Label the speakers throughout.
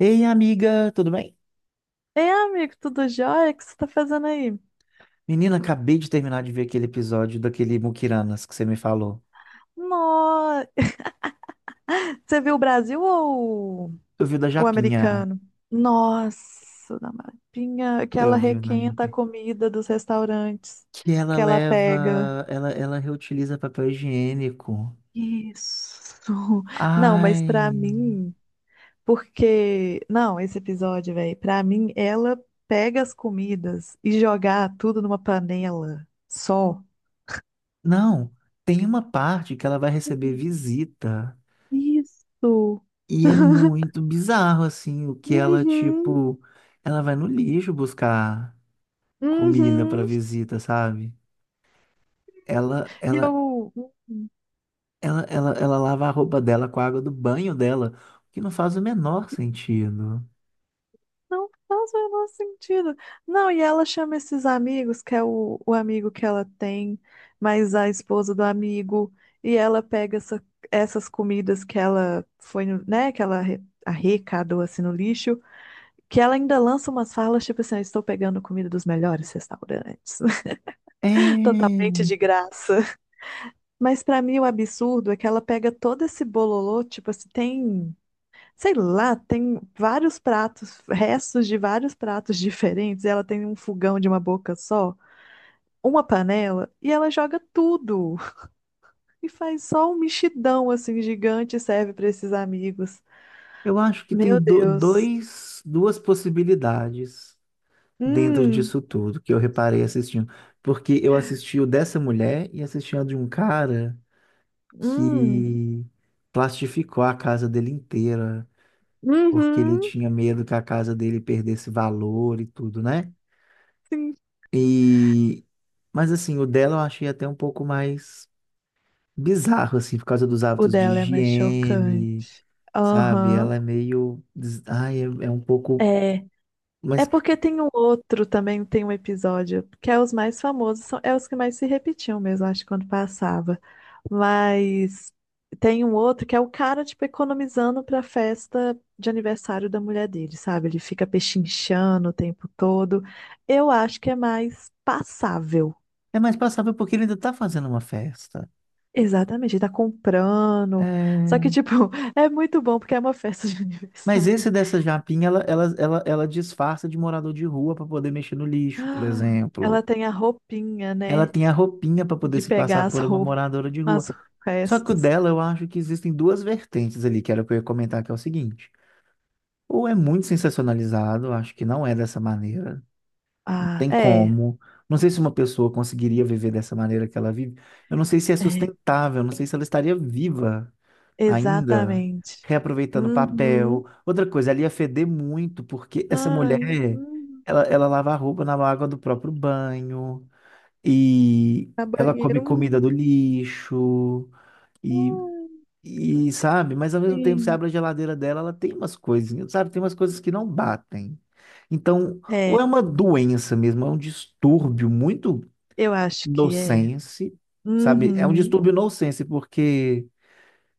Speaker 1: Ei, amiga, tudo bem?
Speaker 2: Ei, amigo, tudo jóia? O que você tá fazendo aí?
Speaker 1: Menina, acabei de terminar de ver aquele episódio daquele Mukiranas que você me falou.
Speaker 2: Nossa, você viu o Brasil ou
Speaker 1: Eu vi o da
Speaker 2: o
Speaker 1: Japinha.
Speaker 2: americano? Nossa, na mapinha, que ela
Speaker 1: Eu vi o da
Speaker 2: requenta a
Speaker 1: Japinha.
Speaker 2: comida dos restaurantes
Speaker 1: Que ela
Speaker 2: que ela pega.
Speaker 1: leva. Ela reutiliza papel higiênico.
Speaker 2: Isso. Não, mas
Speaker 1: Ai.
Speaker 2: pra mim, porque. Não, esse episódio, velho, pra mim, ela pega as comidas e jogar tudo numa panela só.
Speaker 1: Não, tem uma parte que ela vai receber visita.
Speaker 2: Isso.
Speaker 1: E é muito bizarro, assim, o que ela,
Speaker 2: Uhum,
Speaker 1: tipo. Ela vai no lixo buscar comida pra
Speaker 2: uhum.
Speaker 1: visita, sabe? Ela,
Speaker 2: E
Speaker 1: ela,
Speaker 2: eu
Speaker 1: ela lava a roupa dela com a água do banho dela, o que não faz o menor sentido.
Speaker 2: não faz o menor sentido. Não, e ela chama esses amigos, que é o amigo que ela tem, mais a esposa do amigo, e ela pega essas comidas que ela foi, né, que ela arrecadou assim no lixo, que ela ainda lança umas falas tipo assim, "Eu estou pegando comida dos melhores restaurantes,
Speaker 1: É,
Speaker 2: totalmente de graça. Mas pra mim o absurdo é que ela pega todo esse bololô, tipo assim, tem. Sei lá, tem vários pratos, restos de vários pratos diferentes. Ela tem um fogão de uma boca só, uma panela, e ela joga tudo. E faz só um mexidão assim gigante e serve para esses amigos.
Speaker 1: eu acho que tem
Speaker 2: Meu Deus.
Speaker 1: duas possibilidades dentro
Speaker 2: Hum,
Speaker 1: disso tudo que eu reparei assistindo. Porque eu assisti o dessa mulher e assisti a de um cara
Speaker 2: hum,
Speaker 1: que plastificou a casa dele inteira, porque ele
Speaker 2: uhum,
Speaker 1: tinha medo que a casa dele perdesse valor e tudo, né?
Speaker 2: sim.
Speaker 1: E, mas assim, o dela eu achei até um pouco mais bizarro, assim, por causa dos
Speaker 2: O
Speaker 1: hábitos de
Speaker 2: dela é mais chocante.
Speaker 1: higiene, sabe?
Speaker 2: Aham.
Speaker 1: Ela é meio. Ai, é um pouco.
Speaker 2: É. É
Speaker 1: Mas
Speaker 2: porque tem um outro também, tem um episódio, que é os mais famosos, são, é os que mais se repetiam mesmo, acho, quando passava. Mas tem um outro que é o cara, tipo, economizando pra festa de aniversário da mulher dele, sabe? Ele fica pechinchando o tempo todo. Eu acho que é mais passável.
Speaker 1: é mais passável porque ele ainda tá fazendo uma festa.
Speaker 2: Exatamente, ele tá comprando. Só que,
Speaker 1: É.
Speaker 2: tipo, é muito bom porque é uma festa de
Speaker 1: Mas
Speaker 2: aniversário.
Speaker 1: esse dessa japinha, ela disfarça de morador de rua para poder mexer no lixo, por
Speaker 2: Ela
Speaker 1: exemplo.
Speaker 2: tem a roupinha,
Speaker 1: Ela
Speaker 2: né?
Speaker 1: tem a roupinha para poder
Speaker 2: De
Speaker 1: se passar
Speaker 2: pegar as.
Speaker 1: por uma moradora de rua.
Speaker 2: Mas os
Speaker 1: Só que o
Speaker 2: restos.
Speaker 1: dela, eu acho que existem duas vertentes ali, que era o que eu ia comentar, que é o seguinte. Ou é muito sensacionalizado, acho que não é dessa maneira,
Speaker 2: Ah,
Speaker 1: tem
Speaker 2: é,
Speaker 1: como. Não sei se uma pessoa conseguiria viver dessa maneira que ela vive. Eu não sei se é
Speaker 2: é,
Speaker 1: sustentável, não sei se ela estaria viva ainda,
Speaker 2: exatamente.
Speaker 1: reaproveitando papel.
Speaker 2: Uhum.
Speaker 1: Outra coisa, ela ia feder muito, porque essa
Speaker 2: Ai,
Speaker 1: mulher,
Speaker 2: uhum.
Speaker 1: ela lava a roupa na água do próprio banho, e
Speaker 2: A
Speaker 1: ela come
Speaker 2: banheira.
Speaker 1: comida
Speaker 2: Uhum.
Speaker 1: do lixo, e
Speaker 2: Ai,
Speaker 1: sabe, mas ao mesmo tempo, você
Speaker 2: sim.
Speaker 1: abre a geladeira dela, ela tem umas coisinhas, sabe? Tem umas coisas que não batem. Então, ou
Speaker 2: É,
Speaker 1: é uma doença mesmo, é um distúrbio muito
Speaker 2: eu acho que é.
Speaker 1: nonsense, sabe? É um
Speaker 2: Uhum.
Speaker 1: distúrbio nonsense, porque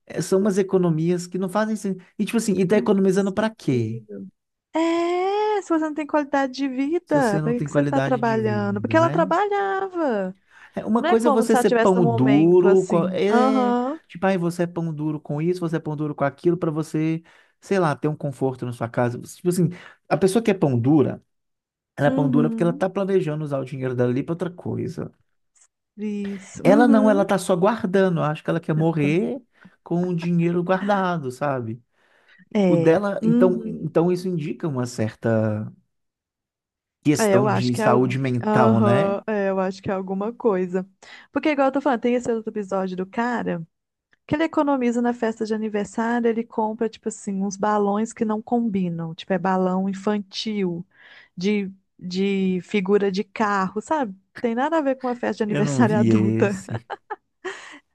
Speaker 1: são umas economias que não fazem sentido. E tipo assim, e tá
Speaker 2: Não faz
Speaker 1: economizando pra quê?
Speaker 2: sentido. É, se você não tem qualidade de
Speaker 1: Se você
Speaker 2: vida,
Speaker 1: não
Speaker 2: para que
Speaker 1: tem
Speaker 2: que você está
Speaker 1: qualidade de
Speaker 2: trabalhando? Porque
Speaker 1: vida,
Speaker 2: ela
Speaker 1: né?
Speaker 2: trabalhava.
Speaker 1: É, uma
Speaker 2: Não é
Speaker 1: coisa é
Speaker 2: como
Speaker 1: você
Speaker 2: se ela
Speaker 1: ser
Speaker 2: estivesse num
Speaker 1: pão
Speaker 2: momento
Speaker 1: duro,
Speaker 2: assim. Aham.
Speaker 1: tipo, aí você é pão duro com isso, você é pão duro com aquilo, pra você, sei lá, ter um conforto na sua casa. Tipo assim, a pessoa que é pão dura, ela é pão dura porque ela
Speaker 2: Uhum.
Speaker 1: tá planejando usar o dinheiro dela ali pra outra coisa.
Speaker 2: Isso.
Speaker 1: Ela não, ela
Speaker 2: Uhum.
Speaker 1: tá só guardando. Eu acho que ela quer
Speaker 2: Já tá-.
Speaker 1: morrer com o dinheiro guardado, sabe? O
Speaker 2: É.
Speaker 1: dela, então,
Speaker 2: Uhum.
Speaker 1: então isso indica uma certa
Speaker 2: É, eu
Speaker 1: questão
Speaker 2: acho
Speaker 1: de
Speaker 2: que é, al-.
Speaker 1: saúde mental, né?
Speaker 2: Aham, é, eu acho que é alguma coisa. Porque, igual eu tô falando, tem esse outro episódio do cara que ele economiza na festa de aniversário, ele compra, tipo assim, uns balões que não combinam. Tipo, é balão infantil, de, de figura de carro, sabe? Tem nada a ver com uma festa de
Speaker 1: Eu não
Speaker 2: aniversário
Speaker 1: vi
Speaker 2: adulta.
Speaker 1: esse.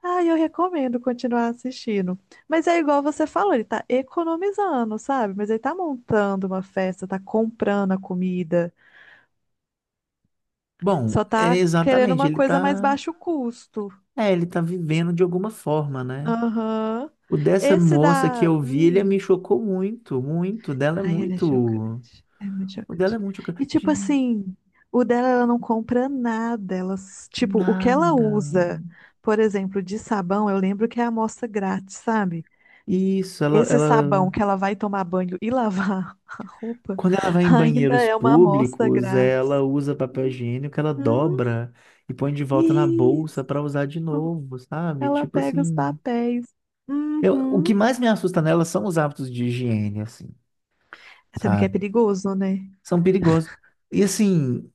Speaker 2: Ah, eu recomendo continuar assistindo. Mas é igual você falou, ele tá economizando, sabe? Mas ele tá montando uma festa, tá comprando a comida.
Speaker 1: Bom,
Speaker 2: Só
Speaker 1: é
Speaker 2: tá querendo
Speaker 1: exatamente,
Speaker 2: uma
Speaker 1: ele
Speaker 2: coisa mais
Speaker 1: tá.
Speaker 2: baixo custo.
Speaker 1: É, ele tá vivendo de alguma forma, né?
Speaker 2: Aham.
Speaker 1: O dessa
Speaker 2: Esse
Speaker 1: moça que
Speaker 2: da.
Speaker 1: eu vi, ele
Speaker 2: Hum.
Speaker 1: me chocou muito, muito. O dela é
Speaker 2: Ai, ele é
Speaker 1: muito.
Speaker 2: chocante. É muito
Speaker 1: O dela é
Speaker 2: chocante.
Speaker 1: muito chocante.
Speaker 2: E tipo
Speaker 1: Gente,
Speaker 2: assim, o dela ela não compra nada. Ela, tipo, o que ela
Speaker 1: nada.
Speaker 2: usa, por exemplo, de sabão, eu lembro que é amostra grátis, sabe?
Speaker 1: Isso, ela,
Speaker 2: Esse sabão
Speaker 1: ela.
Speaker 2: que ela vai tomar banho e lavar a roupa
Speaker 1: Quando ela vai em
Speaker 2: ainda
Speaker 1: banheiros
Speaker 2: é uma amostra
Speaker 1: públicos,
Speaker 2: grátis.
Speaker 1: ela usa papel higiênico, ela
Speaker 2: Uhum.
Speaker 1: dobra e põe de volta na bolsa
Speaker 2: Isso,
Speaker 1: pra usar de novo, sabe?
Speaker 2: ela
Speaker 1: Tipo
Speaker 2: pega os
Speaker 1: assim.
Speaker 2: papéis.
Speaker 1: O que
Speaker 2: Uhum.
Speaker 1: mais me assusta nela são os hábitos de higiene, assim,
Speaker 2: Até porque é
Speaker 1: sabe?
Speaker 2: perigoso, né?
Speaker 1: São perigosos. E assim.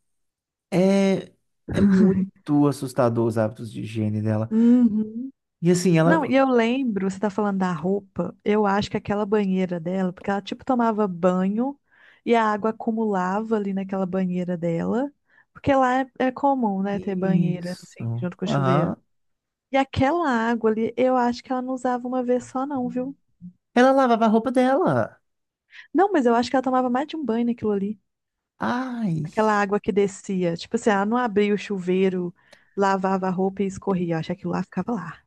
Speaker 1: É, é muito assustador os hábitos de higiene dela.
Speaker 2: Uhum.
Speaker 1: E assim,
Speaker 2: Não,
Speaker 1: ela.
Speaker 2: e eu lembro, você tá falando da roupa, eu acho que aquela banheira dela, porque ela tipo tomava banho e a água acumulava ali naquela banheira dela, porque lá é, é comum, né, ter banheira
Speaker 1: Isso.
Speaker 2: assim, junto com o chuveiro.
Speaker 1: Aham.
Speaker 2: E aquela água ali, eu acho que ela não usava uma vez só, não, viu?
Speaker 1: Ela lavava a roupa dela.
Speaker 2: Não, mas eu acho que ela tomava mais de um banho naquilo ali.
Speaker 1: Ai,
Speaker 2: Aquela água que descia. Tipo assim, ela não abria o chuveiro, lavava a roupa e escorria. Eu acho que aquilo lá ficava lá.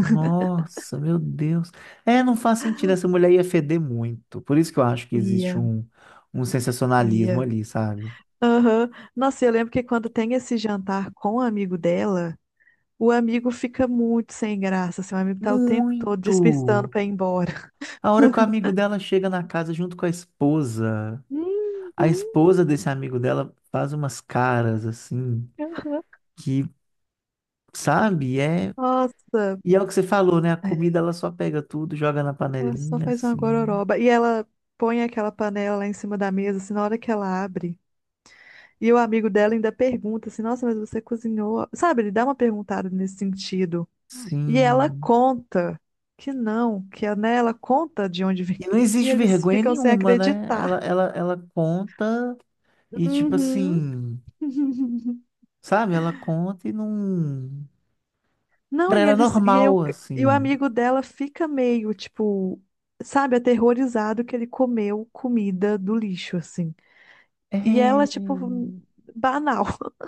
Speaker 1: nossa, meu Deus. É, não faz sentido. Essa mulher ia feder muito. Por isso que eu acho que existe
Speaker 2: Ia,
Speaker 1: um sensacionalismo
Speaker 2: ia.
Speaker 1: ali, sabe?
Speaker 2: Aham. Nossa, eu lembro que quando tem esse jantar com o amigo dela, o amigo fica muito sem graça, assim, o amigo tá o tempo todo despistando
Speaker 1: Muito.
Speaker 2: pra ir embora.
Speaker 1: A hora que o amigo dela chega na casa junto com a esposa desse amigo dela faz umas caras assim,
Speaker 2: Uhum. Aham.
Speaker 1: que, sabe, é.
Speaker 2: Nossa,
Speaker 1: E é o que você falou, né? A comida
Speaker 2: é,
Speaker 1: ela só pega tudo, joga na
Speaker 2: ela só
Speaker 1: panelinha,
Speaker 2: faz uma
Speaker 1: assim.
Speaker 2: gororoba. E ela põe aquela panela lá em cima da mesa, assim, na hora que ela abre. E o amigo dela ainda pergunta assim, nossa, mas você cozinhou? Sabe, ele dá uma perguntada nesse sentido. E ela
Speaker 1: Sim.
Speaker 2: conta que não, que né, ela conta de onde vem.
Speaker 1: E não
Speaker 2: E
Speaker 1: existe
Speaker 2: eles
Speaker 1: vergonha
Speaker 2: ficam sem
Speaker 1: nenhuma, né? Ela,
Speaker 2: acreditar.
Speaker 1: ela, ela conta e, tipo
Speaker 2: Uhum.
Speaker 1: assim, sabe? Ela conta e não.
Speaker 2: Não,
Speaker 1: Pra
Speaker 2: e
Speaker 1: ela é
Speaker 2: eles e, eu,
Speaker 1: normal,
Speaker 2: e o
Speaker 1: assim.
Speaker 2: amigo dela fica meio, tipo, sabe, aterrorizado que ele comeu comida do lixo, assim. E ela,
Speaker 1: É.
Speaker 2: tipo, banal.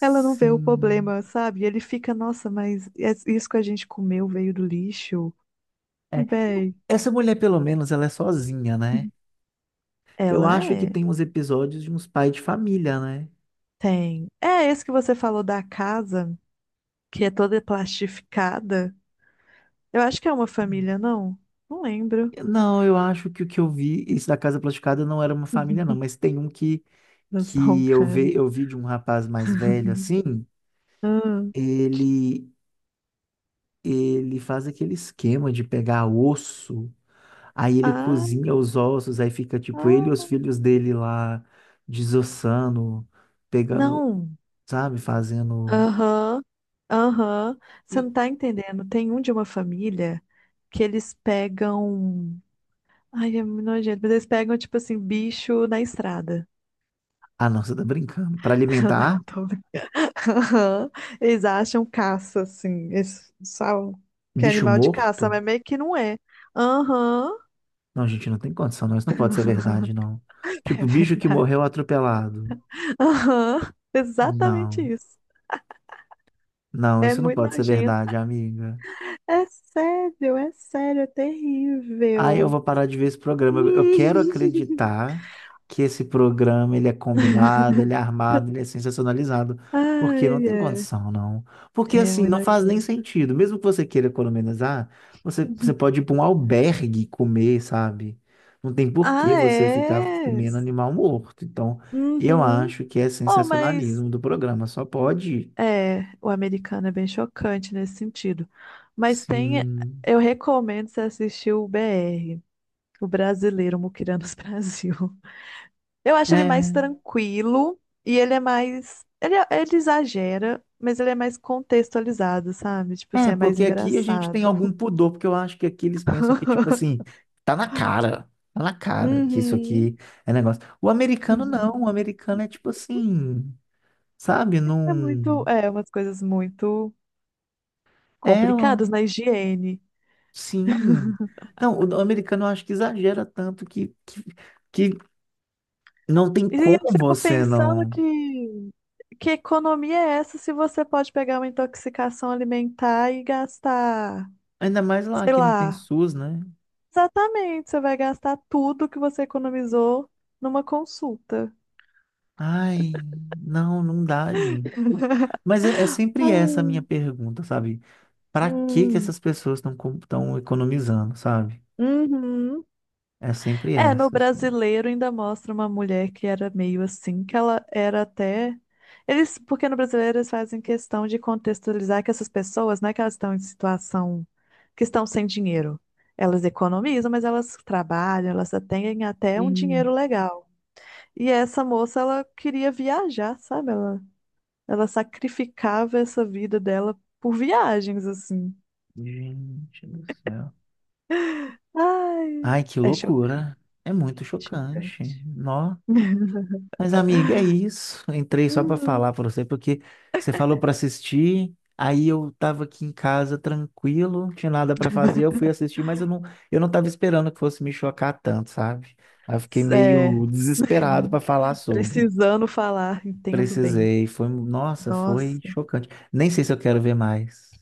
Speaker 2: Ela não vê o problema, sabe? E ele fica, nossa, mas isso que a gente comeu veio do lixo?
Speaker 1: É.
Speaker 2: Véi.
Speaker 1: Essa mulher, pelo menos, ela é sozinha, né? Eu
Speaker 2: Ela
Speaker 1: acho que
Speaker 2: é.
Speaker 1: tem uns episódios de uns pais de família, né?
Speaker 2: Tem. É esse que você falou da casa, que é toda plastificada. Eu acho que é uma família, não? Não lembro.
Speaker 1: Não, eu acho que o que eu vi, esse da Casa Plastificada não era uma família, não, mas tem um que
Speaker 2: Nossa, o
Speaker 1: que
Speaker 2: cara.
Speaker 1: eu vi de um rapaz mais velho assim,
Speaker 2: Hum.
Speaker 1: ele ele faz aquele esquema de pegar osso, aí ele
Speaker 2: Ah,
Speaker 1: cozinha os ossos, aí fica tipo ele e os
Speaker 2: ah,
Speaker 1: filhos dele lá desossando, pegando,
Speaker 2: não.
Speaker 1: sabe, fazendo.
Speaker 2: Aham, aham. Você
Speaker 1: E-
Speaker 2: não tá entendendo. Tem um de uma família que eles pegam. Ai, é muito nojento, mas eles pegam, tipo assim, bicho na estrada.
Speaker 1: Ah, não, você tá brincando. Para alimentar
Speaker 2: Não, tô brincando. Aham. Eles acham caça, assim. Eles sabem que é
Speaker 1: bicho
Speaker 2: animal de caça,
Speaker 1: morto?
Speaker 2: mas meio que não é. Aham.
Speaker 1: Não, gente, não tem condição, não. Isso não pode ser verdade, não.
Speaker 2: É
Speaker 1: Tipo, bicho que
Speaker 2: verdade.
Speaker 1: morreu atropelado.
Speaker 2: Aham. Exatamente
Speaker 1: Não,
Speaker 2: isso.
Speaker 1: não,
Speaker 2: É
Speaker 1: isso não
Speaker 2: muito
Speaker 1: pode ser
Speaker 2: nojento.
Speaker 1: verdade, amiga.
Speaker 2: É sério, é sério, é
Speaker 1: Aí eu
Speaker 2: terrível.
Speaker 1: vou parar de ver esse programa. Eu quero acreditar que esse programa ele é combinado, ele é armado, ele é sensacionalizado. Porque não
Speaker 2: Ai,
Speaker 1: tem
Speaker 2: é.
Speaker 1: condição, não. Porque
Speaker 2: É
Speaker 1: assim,
Speaker 2: muito
Speaker 1: não faz nem
Speaker 2: nojento.
Speaker 1: sentido. Mesmo que você queira economizar, você pode ir para um albergue comer, sabe? Não tem por que
Speaker 2: Ah,
Speaker 1: você ficar
Speaker 2: é?
Speaker 1: comendo animal morto. Então, eu
Speaker 2: Uhum.
Speaker 1: acho que é
Speaker 2: Oh, mas
Speaker 1: sensacionalismo do programa. Só pode.
Speaker 2: é, o americano é bem chocante nesse sentido. Mas tem,
Speaker 1: Sim.
Speaker 2: eu recomendo você assistir o BR, o brasileiro Muquiranos Brasil. Eu acho ele mais
Speaker 1: É.
Speaker 2: tranquilo e ele é mais. Ele, é, ele exagera, mas ele é mais contextualizado, sabe? Tipo assim,
Speaker 1: É,
Speaker 2: é mais
Speaker 1: porque aqui a gente tem algum
Speaker 2: engraçado.
Speaker 1: pudor, porque eu acho que aqui eles pensam que, tipo assim, tá na cara que isso
Speaker 2: Uhum.
Speaker 1: aqui é negócio. O americano não, o americano é tipo assim, sabe?
Speaker 2: É
Speaker 1: Não.
Speaker 2: muito. É, umas coisas muito
Speaker 1: É, ó,
Speaker 2: complicadas na higiene.
Speaker 1: sim. Não, o americano eu acho que exagera tanto que não tem
Speaker 2: E
Speaker 1: como
Speaker 2: eu fico
Speaker 1: você
Speaker 2: pensando
Speaker 1: não.
Speaker 2: que. Que economia é essa se você pode pegar uma intoxicação alimentar e gastar,
Speaker 1: Ainda mais lá
Speaker 2: sei
Speaker 1: que não tem
Speaker 2: lá,
Speaker 1: SUS, né?
Speaker 2: exatamente, você vai gastar tudo que você economizou numa consulta.
Speaker 1: Ai, não, não dá, gente. Mas é sempre essa a
Speaker 2: Ai,
Speaker 1: minha pergunta, sabe? Para que que
Speaker 2: hum,
Speaker 1: essas pessoas estão economizando, sabe?
Speaker 2: uhum.
Speaker 1: É sempre
Speaker 2: É, no
Speaker 1: essa, assim.
Speaker 2: brasileiro ainda mostra uma mulher que era meio assim, que ela era até. Eles, porque no brasileiro eles fazem questão de contextualizar que essas pessoas, não é que elas estão em situação, que estão sem dinheiro. Elas economizam, mas elas trabalham, elas têm até um
Speaker 1: Ih,
Speaker 2: dinheiro legal. E essa moça, ela queria viajar, sabe? Ela sacrificava essa vida dela por viagens, assim.
Speaker 1: gente do céu.
Speaker 2: Ai,
Speaker 1: Ai, que
Speaker 2: é chocante,
Speaker 1: loucura. É muito
Speaker 2: chocante.
Speaker 1: chocante. Nó. Mas, amiga, é isso. Eu entrei só para
Speaker 2: Uhum.
Speaker 1: falar para você, porque você falou para assistir, aí eu tava aqui em casa tranquilo, não tinha nada para fazer, eu fui assistir, mas eu não tava esperando que fosse me chocar tanto, sabe? Aí eu fiquei
Speaker 2: É,
Speaker 1: meio desesperado para falar sobre.
Speaker 2: precisando falar, entendo bem.
Speaker 1: Precisei, foi, nossa,
Speaker 2: Nossa.
Speaker 1: foi chocante. Nem sei se eu quero ver mais.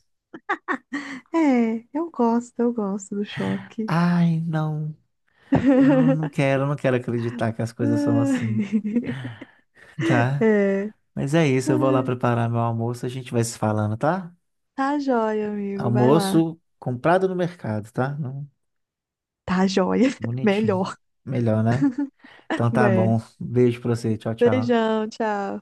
Speaker 2: É, eu gosto do choque.
Speaker 1: Ai, não, eu não quero, eu não quero acreditar que as coisas são assim,
Speaker 2: Ai.
Speaker 1: tá?
Speaker 2: É.
Speaker 1: Mas é isso, eu vou lá
Speaker 2: Ai.
Speaker 1: preparar meu almoço, a gente vai se falando, tá?
Speaker 2: Tá jóia, amigo, vai lá.
Speaker 1: Almoço comprado no mercado, tá?
Speaker 2: Tá jóia,
Speaker 1: Bonitinho.
Speaker 2: melhor.
Speaker 1: Melhor, né? Então tá
Speaker 2: É.
Speaker 1: bom. Beijo pra você. Tchau, tchau.
Speaker 2: Beijão, tchau.